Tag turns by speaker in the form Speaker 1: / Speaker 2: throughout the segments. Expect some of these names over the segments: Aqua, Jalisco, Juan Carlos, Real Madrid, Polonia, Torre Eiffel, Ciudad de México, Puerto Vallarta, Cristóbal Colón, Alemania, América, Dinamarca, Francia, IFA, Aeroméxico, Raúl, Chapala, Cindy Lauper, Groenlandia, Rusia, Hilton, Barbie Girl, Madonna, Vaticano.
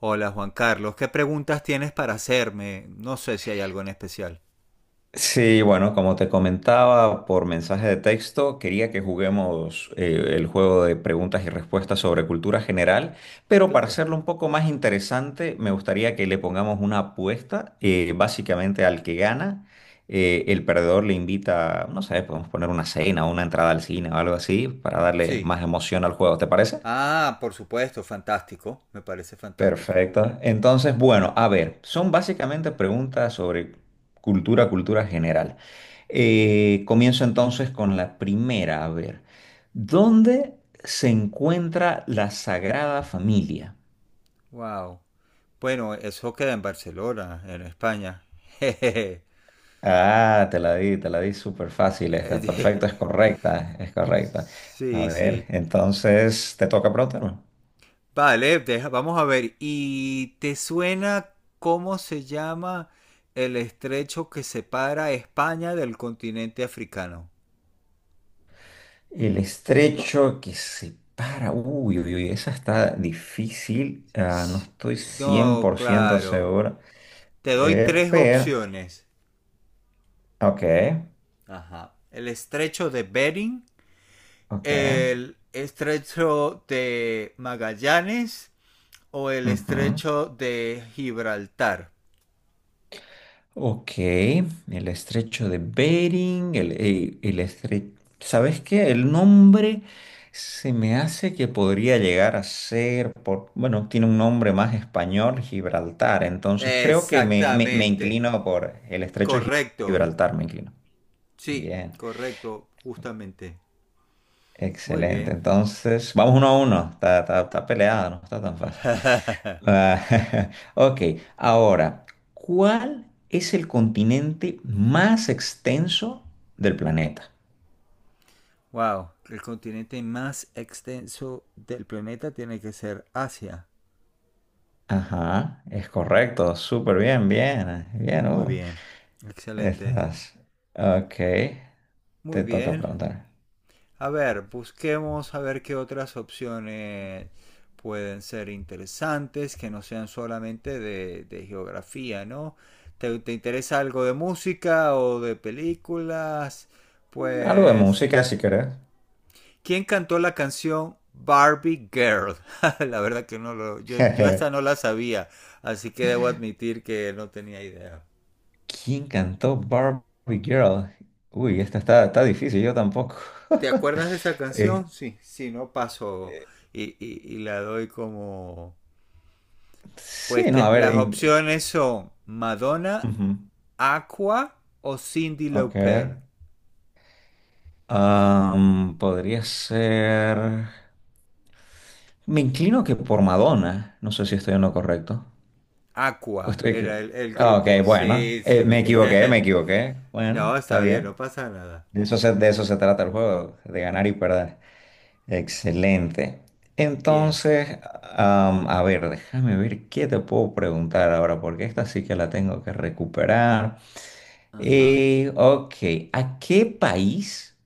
Speaker 1: Hola Juan Carlos, ¿qué preguntas tienes para hacerme? No sé si hay algo en especial.
Speaker 2: Sí, bueno, como te comentaba por mensaje de texto, quería que juguemos el juego de preguntas y respuestas sobre cultura general, pero para
Speaker 1: Claro.
Speaker 2: hacerlo un poco más interesante, me gustaría que le pongamos una apuesta, básicamente al que gana, el perdedor le invita, no sé, podemos poner una cena, una entrada al cine o algo así, para darle
Speaker 1: Sí.
Speaker 2: más emoción al juego, ¿te parece?
Speaker 1: Ah, por supuesto, fantástico. Me parece fantástico.
Speaker 2: Perfecto. Entonces, bueno, a ver, son básicamente preguntas sobre cultura, cultura general. Comienzo entonces con la primera, a ver, ¿dónde se encuentra la Sagrada Familia?
Speaker 1: Wow. Bueno, eso queda en Barcelona, en España. Jejeje.
Speaker 2: Ah, te la di súper fácil esta. Perfecto, es correcta, es correcta. A
Speaker 1: Sí, sí.
Speaker 2: ver, entonces, ¿te toca preguntarme?
Speaker 1: Vale, vamos a ver. ¿Y te suena cómo se llama el estrecho que separa España del continente africano?
Speaker 2: El estrecho que separa. Uy, uy, uy, esa está difícil. Ah, no
Speaker 1: Sí.
Speaker 2: estoy
Speaker 1: No,
Speaker 2: 100%
Speaker 1: claro.
Speaker 2: seguro.
Speaker 1: Te doy
Speaker 2: Eh,
Speaker 1: tres
Speaker 2: pero,
Speaker 1: opciones.
Speaker 2: ok,
Speaker 1: Ajá. El estrecho de Bering,
Speaker 2: ok.
Speaker 1: el estrecho de Magallanes o el
Speaker 2: Ujú.
Speaker 1: estrecho de Gibraltar.
Speaker 2: Ok, el estrecho de Bering, el ¿Sabes qué? El nombre se me hace que podría llegar a ser, por, bueno, tiene un nombre más español, Gibraltar. Entonces creo que me
Speaker 1: Exactamente.
Speaker 2: inclino por el estrecho de
Speaker 1: Correcto.
Speaker 2: Gibraltar, me inclino.
Speaker 1: Sí,
Speaker 2: Bien,
Speaker 1: correcto, justamente. Muy
Speaker 2: excelente.
Speaker 1: bien.
Speaker 2: Entonces, vamos uno a uno. Está peleada, no está tan fácil. Ah, ok, ahora, ¿cuál es el continente más extenso del planeta?
Speaker 1: Wow, el continente más extenso del planeta tiene que ser Asia.
Speaker 2: Ajá, es correcto. Súper bien, bien.
Speaker 1: Muy bien, excelente.
Speaker 2: Estás. Ok,
Speaker 1: Muy
Speaker 2: te toca
Speaker 1: bien.
Speaker 2: preguntar.
Speaker 1: A ver, busquemos a ver qué otras opciones pueden ser interesantes, que no sean solamente de geografía, ¿no? ¿Te interesa algo de música o de películas?
Speaker 2: Algo de
Speaker 1: Pues,
Speaker 2: música, si querés.
Speaker 1: ¿quién cantó la canción Barbie Girl? La verdad que no lo, yo esta no la sabía, así que debo admitir que no tenía idea.
Speaker 2: ¿Quién cantó Barbie Girl? Uy, esta está, está difícil, yo tampoco.
Speaker 1: ¿Te acuerdas de esa
Speaker 2: Eh,
Speaker 1: canción? Sí, sí, no paso y la doy como.
Speaker 2: sí, no, a ver.
Speaker 1: Las opciones son Madonna,
Speaker 2: Ujú,
Speaker 1: Aqua o Cindy
Speaker 2: ok.
Speaker 1: Lauper.
Speaker 2: Podría ser. Me inclino que por Madonna. No sé si estoy en lo correcto. O
Speaker 1: Aqua era el
Speaker 2: Ah, ok,
Speaker 1: grupo.
Speaker 2: bueno.
Speaker 1: Sí, sí.
Speaker 2: Me equivoqué, me equivoqué.
Speaker 1: No,
Speaker 2: Bueno, está
Speaker 1: está bien,
Speaker 2: bien.
Speaker 1: no pasa nada.
Speaker 2: De eso se trata el juego, de ganar y perder. Excelente.
Speaker 1: Bien.
Speaker 2: Entonces, a ver, déjame ver qué te puedo preguntar ahora, porque esta sí que la tengo que recuperar.
Speaker 1: Ajá.
Speaker 2: Ok, ¿a qué país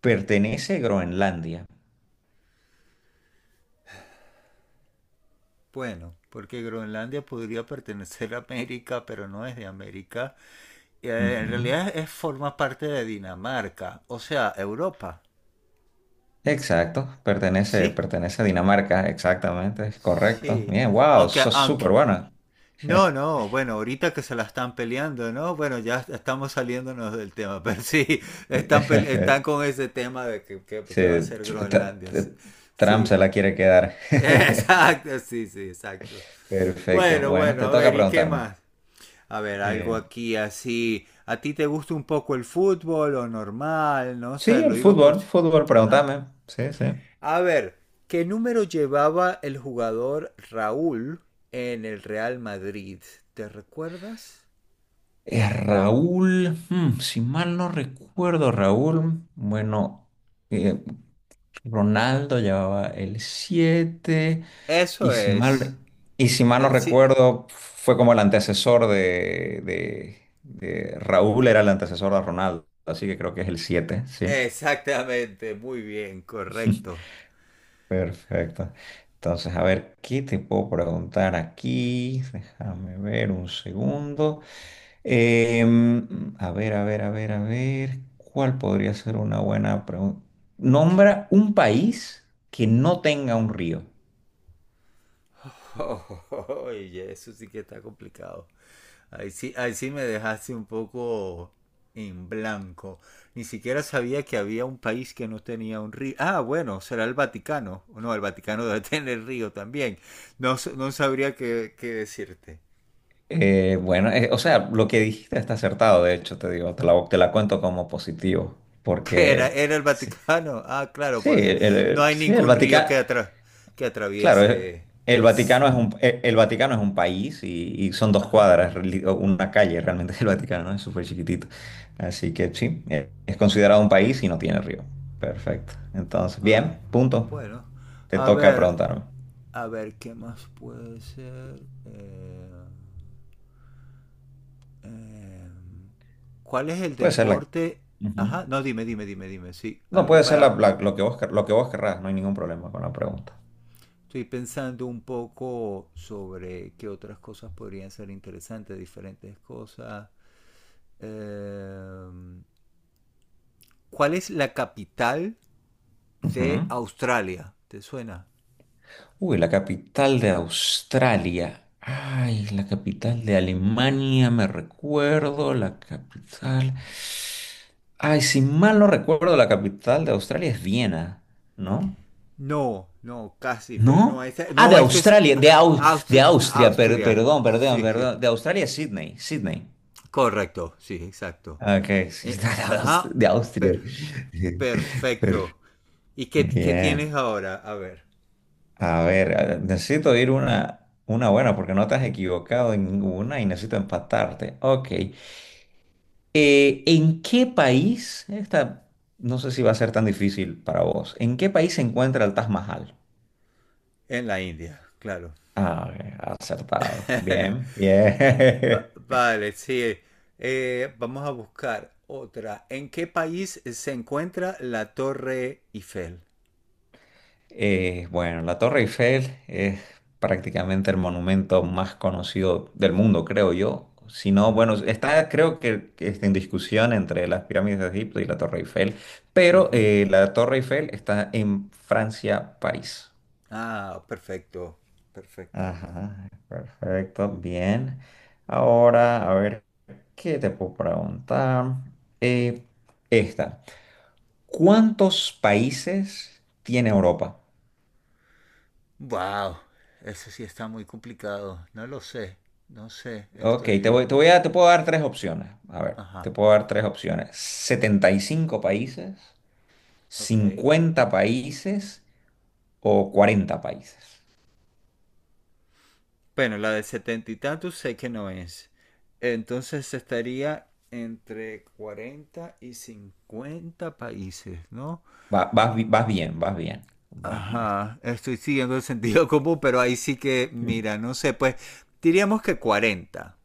Speaker 2: pertenece a Groenlandia?
Speaker 1: Bueno, porque Groenlandia podría pertenecer a América, pero no es de América. En
Speaker 2: Ujú.
Speaker 1: realidad forma parte de Dinamarca, o sea, Europa.
Speaker 2: Exacto, pertenece,
Speaker 1: Sí.
Speaker 2: pertenece a Dinamarca, exactamente, es correcto.
Speaker 1: Sí.
Speaker 2: Bien, wow,
Speaker 1: Aunque,
Speaker 2: sos
Speaker 1: aunque,
Speaker 2: súper buena.
Speaker 1: No, no, bueno, ahorita que se la están peleando, ¿no? Bueno, ya estamos saliéndonos del tema, pero sí, están con ese tema de que, que-
Speaker 2: Sí,
Speaker 1: que va a ser
Speaker 2: tr- tr-
Speaker 1: Groenlandia, sí.
Speaker 2: tr- Trump
Speaker 1: Sí,
Speaker 2: se la quiere quedar.
Speaker 1: exacto, sí, sí, exacto.
Speaker 2: Perfecto.
Speaker 1: Bueno,
Speaker 2: Bueno,
Speaker 1: bueno,
Speaker 2: te
Speaker 1: a
Speaker 2: toca
Speaker 1: ver, ¿y qué
Speaker 2: preguntarme.
Speaker 1: más? A ver, algo
Speaker 2: Eh,
Speaker 1: aquí así. ¿A ti te gusta un poco el fútbol o normal? No sé,
Speaker 2: sí,
Speaker 1: lo
Speaker 2: el
Speaker 1: digo por
Speaker 2: fútbol, fútbol,
Speaker 1: Ajá.
Speaker 2: pregúntame. Sí, sí.
Speaker 1: A ver, ¿qué número llevaba el jugador Raúl en el Real Madrid? ¿Te recuerdas?
Speaker 2: Raúl, mm, si mal no recuerdo, Raúl, bueno, eh, Ronaldo llevaba el 7.
Speaker 1: Eso
Speaker 2: Y si
Speaker 1: es.
Speaker 2: mal, y si mal no
Speaker 1: El sí.
Speaker 2: recuerdo, fue como el antecesor de, Raúl, era el antecesor de Ronaldo, así que creo que es el 7, ¿sí?
Speaker 1: Exactamente, muy bien, correcto.
Speaker 2: Perfecto. Entonces, a ver, ¿qué te puedo preguntar aquí? Déjame ver un segundo. A ver, ¿cuál podría ser una buena pregunta? Nombra un país que no tenga un río.
Speaker 1: Oye, eso sí que está complicado. Ahí sí me dejaste un poco en blanco. Ni siquiera sabía que había un país que no tenía un río. Ah, bueno, será el Vaticano. No, el Vaticano debe tener río también. No, no sabría qué decirte.
Speaker 2: Bueno, o sea, lo que dijiste está acertado, de hecho, te digo, te la cuento como positivo,
Speaker 1: ¿Qué era?
Speaker 2: porque
Speaker 1: ¿Era el
Speaker 2: sí,
Speaker 1: Vaticano? Ah, claro,
Speaker 2: sí,
Speaker 1: porque no hay
Speaker 2: sí,
Speaker 1: ningún río
Speaker 2: Vaticano,
Speaker 1: que
Speaker 2: claro,
Speaker 1: atraviese
Speaker 2: el
Speaker 1: el
Speaker 2: Vaticano es un, Vaticano es un país y son dos
Speaker 1: Ajá.
Speaker 2: cuadras, o una calle realmente el Vaticano, ¿no? Es súper chiquitito, así que sí, es considerado un país y no tiene río. Perfecto, entonces,
Speaker 1: Ah,
Speaker 2: bien, punto,
Speaker 1: bueno.
Speaker 2: te
Speaker 1: A
Speaker 2: toca
Speaker 1: ver,
Speaker 2: preguntarme.
Speaker 1: a ver, ¿qué más puede ser? Eh, ¿Cuál es el
Speaker 2: Puede ser la...
Speaker 1: deporte?
Speaker 2: Ujú.
Speaker 1: Ajá, no, dime, dime, dime, dime. Sí,
Speaker 2: No,
Speaker 1: algo
Speaker 2: puede ser
Speaker 1: para.
Speaker 2: lo que vos, lo que vos querrás, no hay ningún problema con la pregunta.
Speaker 1: Estoy pensando un poco sobre qué otras cosas podrían ser interesantes, diferentes cosas. Eh, ¿Cuál es la capital
Speaker 2: Ujú.
Speaker 1: de Australia? ¿Te suena?
Speaker 2: Uy, la capital de Australia. Ay, la capital de Alemania, me recuerdo, la capital. Ay, si mal no recuerdo, la capital de Australia es Viena, ¿no?
Speaker 1: No, no, casi,
Speaker 2: ¿No?
Speaker 1: pero no,
Speaker 2: Ah, de
Speaker 1: no, eso es
Speaker 2: Australia, de Austria,
Speaker 1: Austria.
Speaker 2: perdón, perdón,
Speaker 1: Sí, sí,
Speaker 2: perdón. De Australia es Sydney, Sydney.
Speaker 1: correcto, sí, exacto.
Speaker 2: Ok, sí, de
Speaker 1: Ajá,
Speaker 2: de Austria.
Speaker 1: per-
Speaker 2: Per-
Speaker 1: perfecto. ¿Y qué
Speaker 2: Bien.
Speaker 1: tienes ahora? A ver,
Speaker 2: A ver, necesito ir una buena porque no te has equivocado en ninguna y necesito empatarte. Ok. ¿En qué país, esta no sé si va a ser tan difícil para vos, ¿en qué país se encuentra el Taj Mahal?
Speaker 1: en la India, claro.
Speaker 2: Ah, ok, acertado. Bien, bien.
Speaker 1: Vale, sí. Vamos a buscar otra. ¿En qué país se encuentra la Torre Eiffel?
Speaker 2: Bueno, la Torre Eiffel es prácticamente el monumento más conocido del mundo, creo yo. Si no, bueno,
Speaker 1: Ajá.
Speaker 2: está, que está en discusión entre las pirámides de Egipto y la Torre Eiffel, pero
Speaker 1: Ujú.
Speaker 2: la Torre Eiffel está en Francia, París.
Speaker 1: Ah, perfecto, perfecto.
Speaker 2: Ajá, perfecto, bien. Ahora, a ver, ¿qué te puedo preguntar? Eh, esta. ¿Cuántos países tiene Europa?
Speaker 1: Wow, eso sí está muy complicado. No lo sé, no sé,
Speaker 2: Ok,
Speaker 1: estoy.
Speaker 2: te puedo dar tres opciones. A ver, te
Speaker 1: Ajá,
Speaker 2: puedo dar tres opciones: 75 países,
Speaker 1: ok.
Speaker 2: 50 países o 40 países.
Speaker 1: Bueno, la de setenta y tantos sé que no es. Entonces estaría entre 40 y 50 países, ¿no?
Speaker 2: Vas, vas bien, vas bien. Va- es-
Speaker 1: Ajá, estoy siguiendo el sentido común, pero ahí sí que,
Speaker 2: Mm.
Speaker 1: mira, no sé, pues diríamos que 40.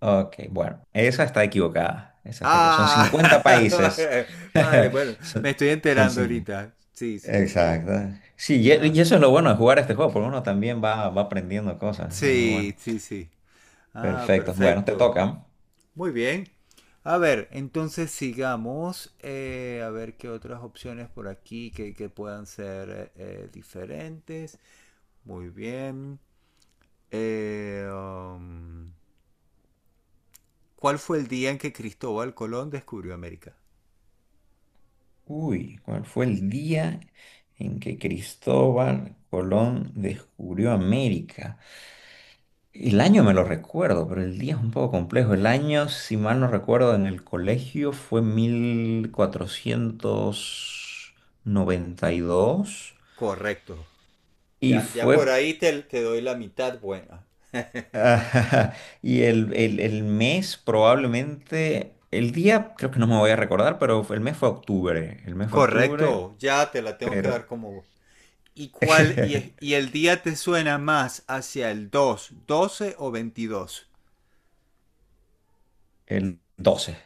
Speaker 2: Ok, bueno, esa está equivocada. Esa está equivocada. Son
Speaker 1: Ah,
Speaker 2: 50 países.
Speaker 1: vale, bueno, me
Speaker 2: Son,
Speaker 1: estoy
Speaker 2: son
Speaker 1: enterando
Speaker 2: 50.
Speaker 1: ahorita. Sí, sí, está bien.
Speaker 2: Exacto. Sí,
Speaker 1: Ah.
Speaker 2: y eso es lo bueno de jugar este juego, porque uno también va, va aprendiendo cosas. Es muy
Speaker 1: Sí,
Speaker 2: bueno.
Speaker 1: sí, sí. Ah,
Speaker 2: Perfecto. Bueno, te
Speaker 1: perfecto.
Speaker 2: toca.
Speaker 1: Muy bien. A ver, entonces sigamos. A ver qué otras opciones por aquí que puedan ser diferentes. Muy bien. Eh, um, ¿Cuál fue el día en que Cristóbal Colón descubrió América?
Speaker 2: Uy, ¿cuál fue el día en que Cristóbal Colón descubrió América? El año me lo recuerdo, pero el día es un poco complejo. El año, si mal no recuerdo, en el colegio fue 1492
Speaker 1: Correcto.
Speaker 2: y
Speaker 1: Ya por
Speaker 2: fue...
Speaker 1: ahí te doy la mitad buena.
Speaker 2: y el el mes probablemente... El día creo que no me voy a recordar, pero el mes fue octubre. El mes fue octubre,
Speaker 1: Correcto. Ya te la tengo que
Speaker 2: pero...
Speaker 1: dar como. ¿Y, cuál, y, y el día te suena más hacia el 2, 12 o 22.
Speaker 2: El 12.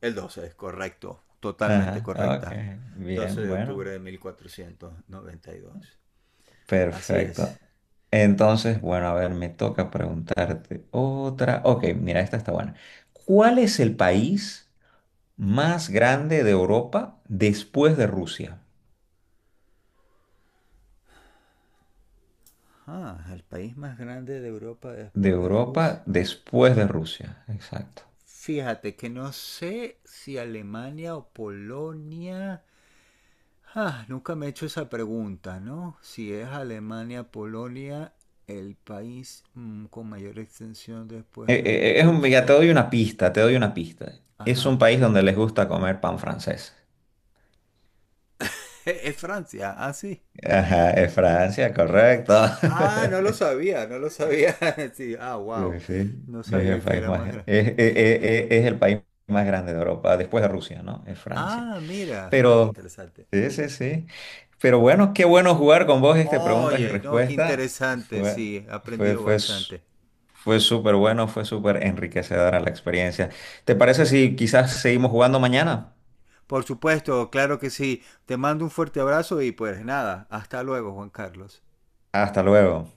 Speaker 1: El 12 es correcto, totalmente
Speaker 2: Ajá, ok,
Speaker 1: correcta. doce
Speaker 2: bien,
Speaker 1: de
Speaker 2: bueno,
Speaker 1: octubre de mil cuatrocientos noventa y dos Así es.
Speaker 2: perfecto. Entonces, bueno, a ver, me toca preguntarte otra. Ok, mira, esta está buena. ¿Cuál es el país más grande de Europa después de Rusia?
Speaker 1: Ah, el país más grande de Europa
Speaker 2: De
Speaker 1: después de Rusia.
Speaker 2: Europa después de Rusia, exacto.
Speaker 1: Fíjate que no sé si Alemania o Polonia. Ah, nunca me he hecho esa pregunta, ¿no? Si es Alemania, Polonia, el país con mayor extensión después de
Speaker 2: Ya te
Speaker 1: Rusia.
Speaker 2: doy una pista, te doy una pista. Es un
Speaker 1: Ajá.
Speaker 2: país donde les gusta comer pan francés.
Speaker 1: Es Francia, ah, sí.
Speaker 2: Ajá, es Francia, correcto.
Speaker 1: Ah, no lo sabía, no lo sabía. Sí, ah,
Speaker 2: Sí,
Speaker 1: wow.
Speaker 2: sí,
Speaker 1: No
Speaker 2: es el
Speaker 1: sabía que
Speaker 2: país
Speaker 1: era
Speaker 2: más,
Speaker 1: más grande.
Speaker 2: es el país más grande de Europa, después de Rusia, ¿no? Es Francia.
Speaker 1: Ah, mira, ah, qué
Speaker 2: Pero,
Speaker 1: interesante.
Speaker 2: sí, sí, sí. Pero bueno, qué bueno jugar con vos este preguntas y
Speaker 1: Oye, no, qué
Speaker 2: respuestas.
Speaker 1: interesante,
Speaker 2: Fue,
Speaker 1: sí, he
Speaker 2: fue,
Speaker 1: aprendido
Speaker 2: fue, s-
Speaker 1: bastante.
Speaker 2: fue súper bueno, fue súper enriquecedora la experiencia. ¿Te parece si quizás seguimos jugando mañana?
Speaker 1: Por supuesto, claro que sí. Te mando un fuerte abrazo y pues nada, hasta luego, Juan Carlos.
Speaker 2: Hasta luego.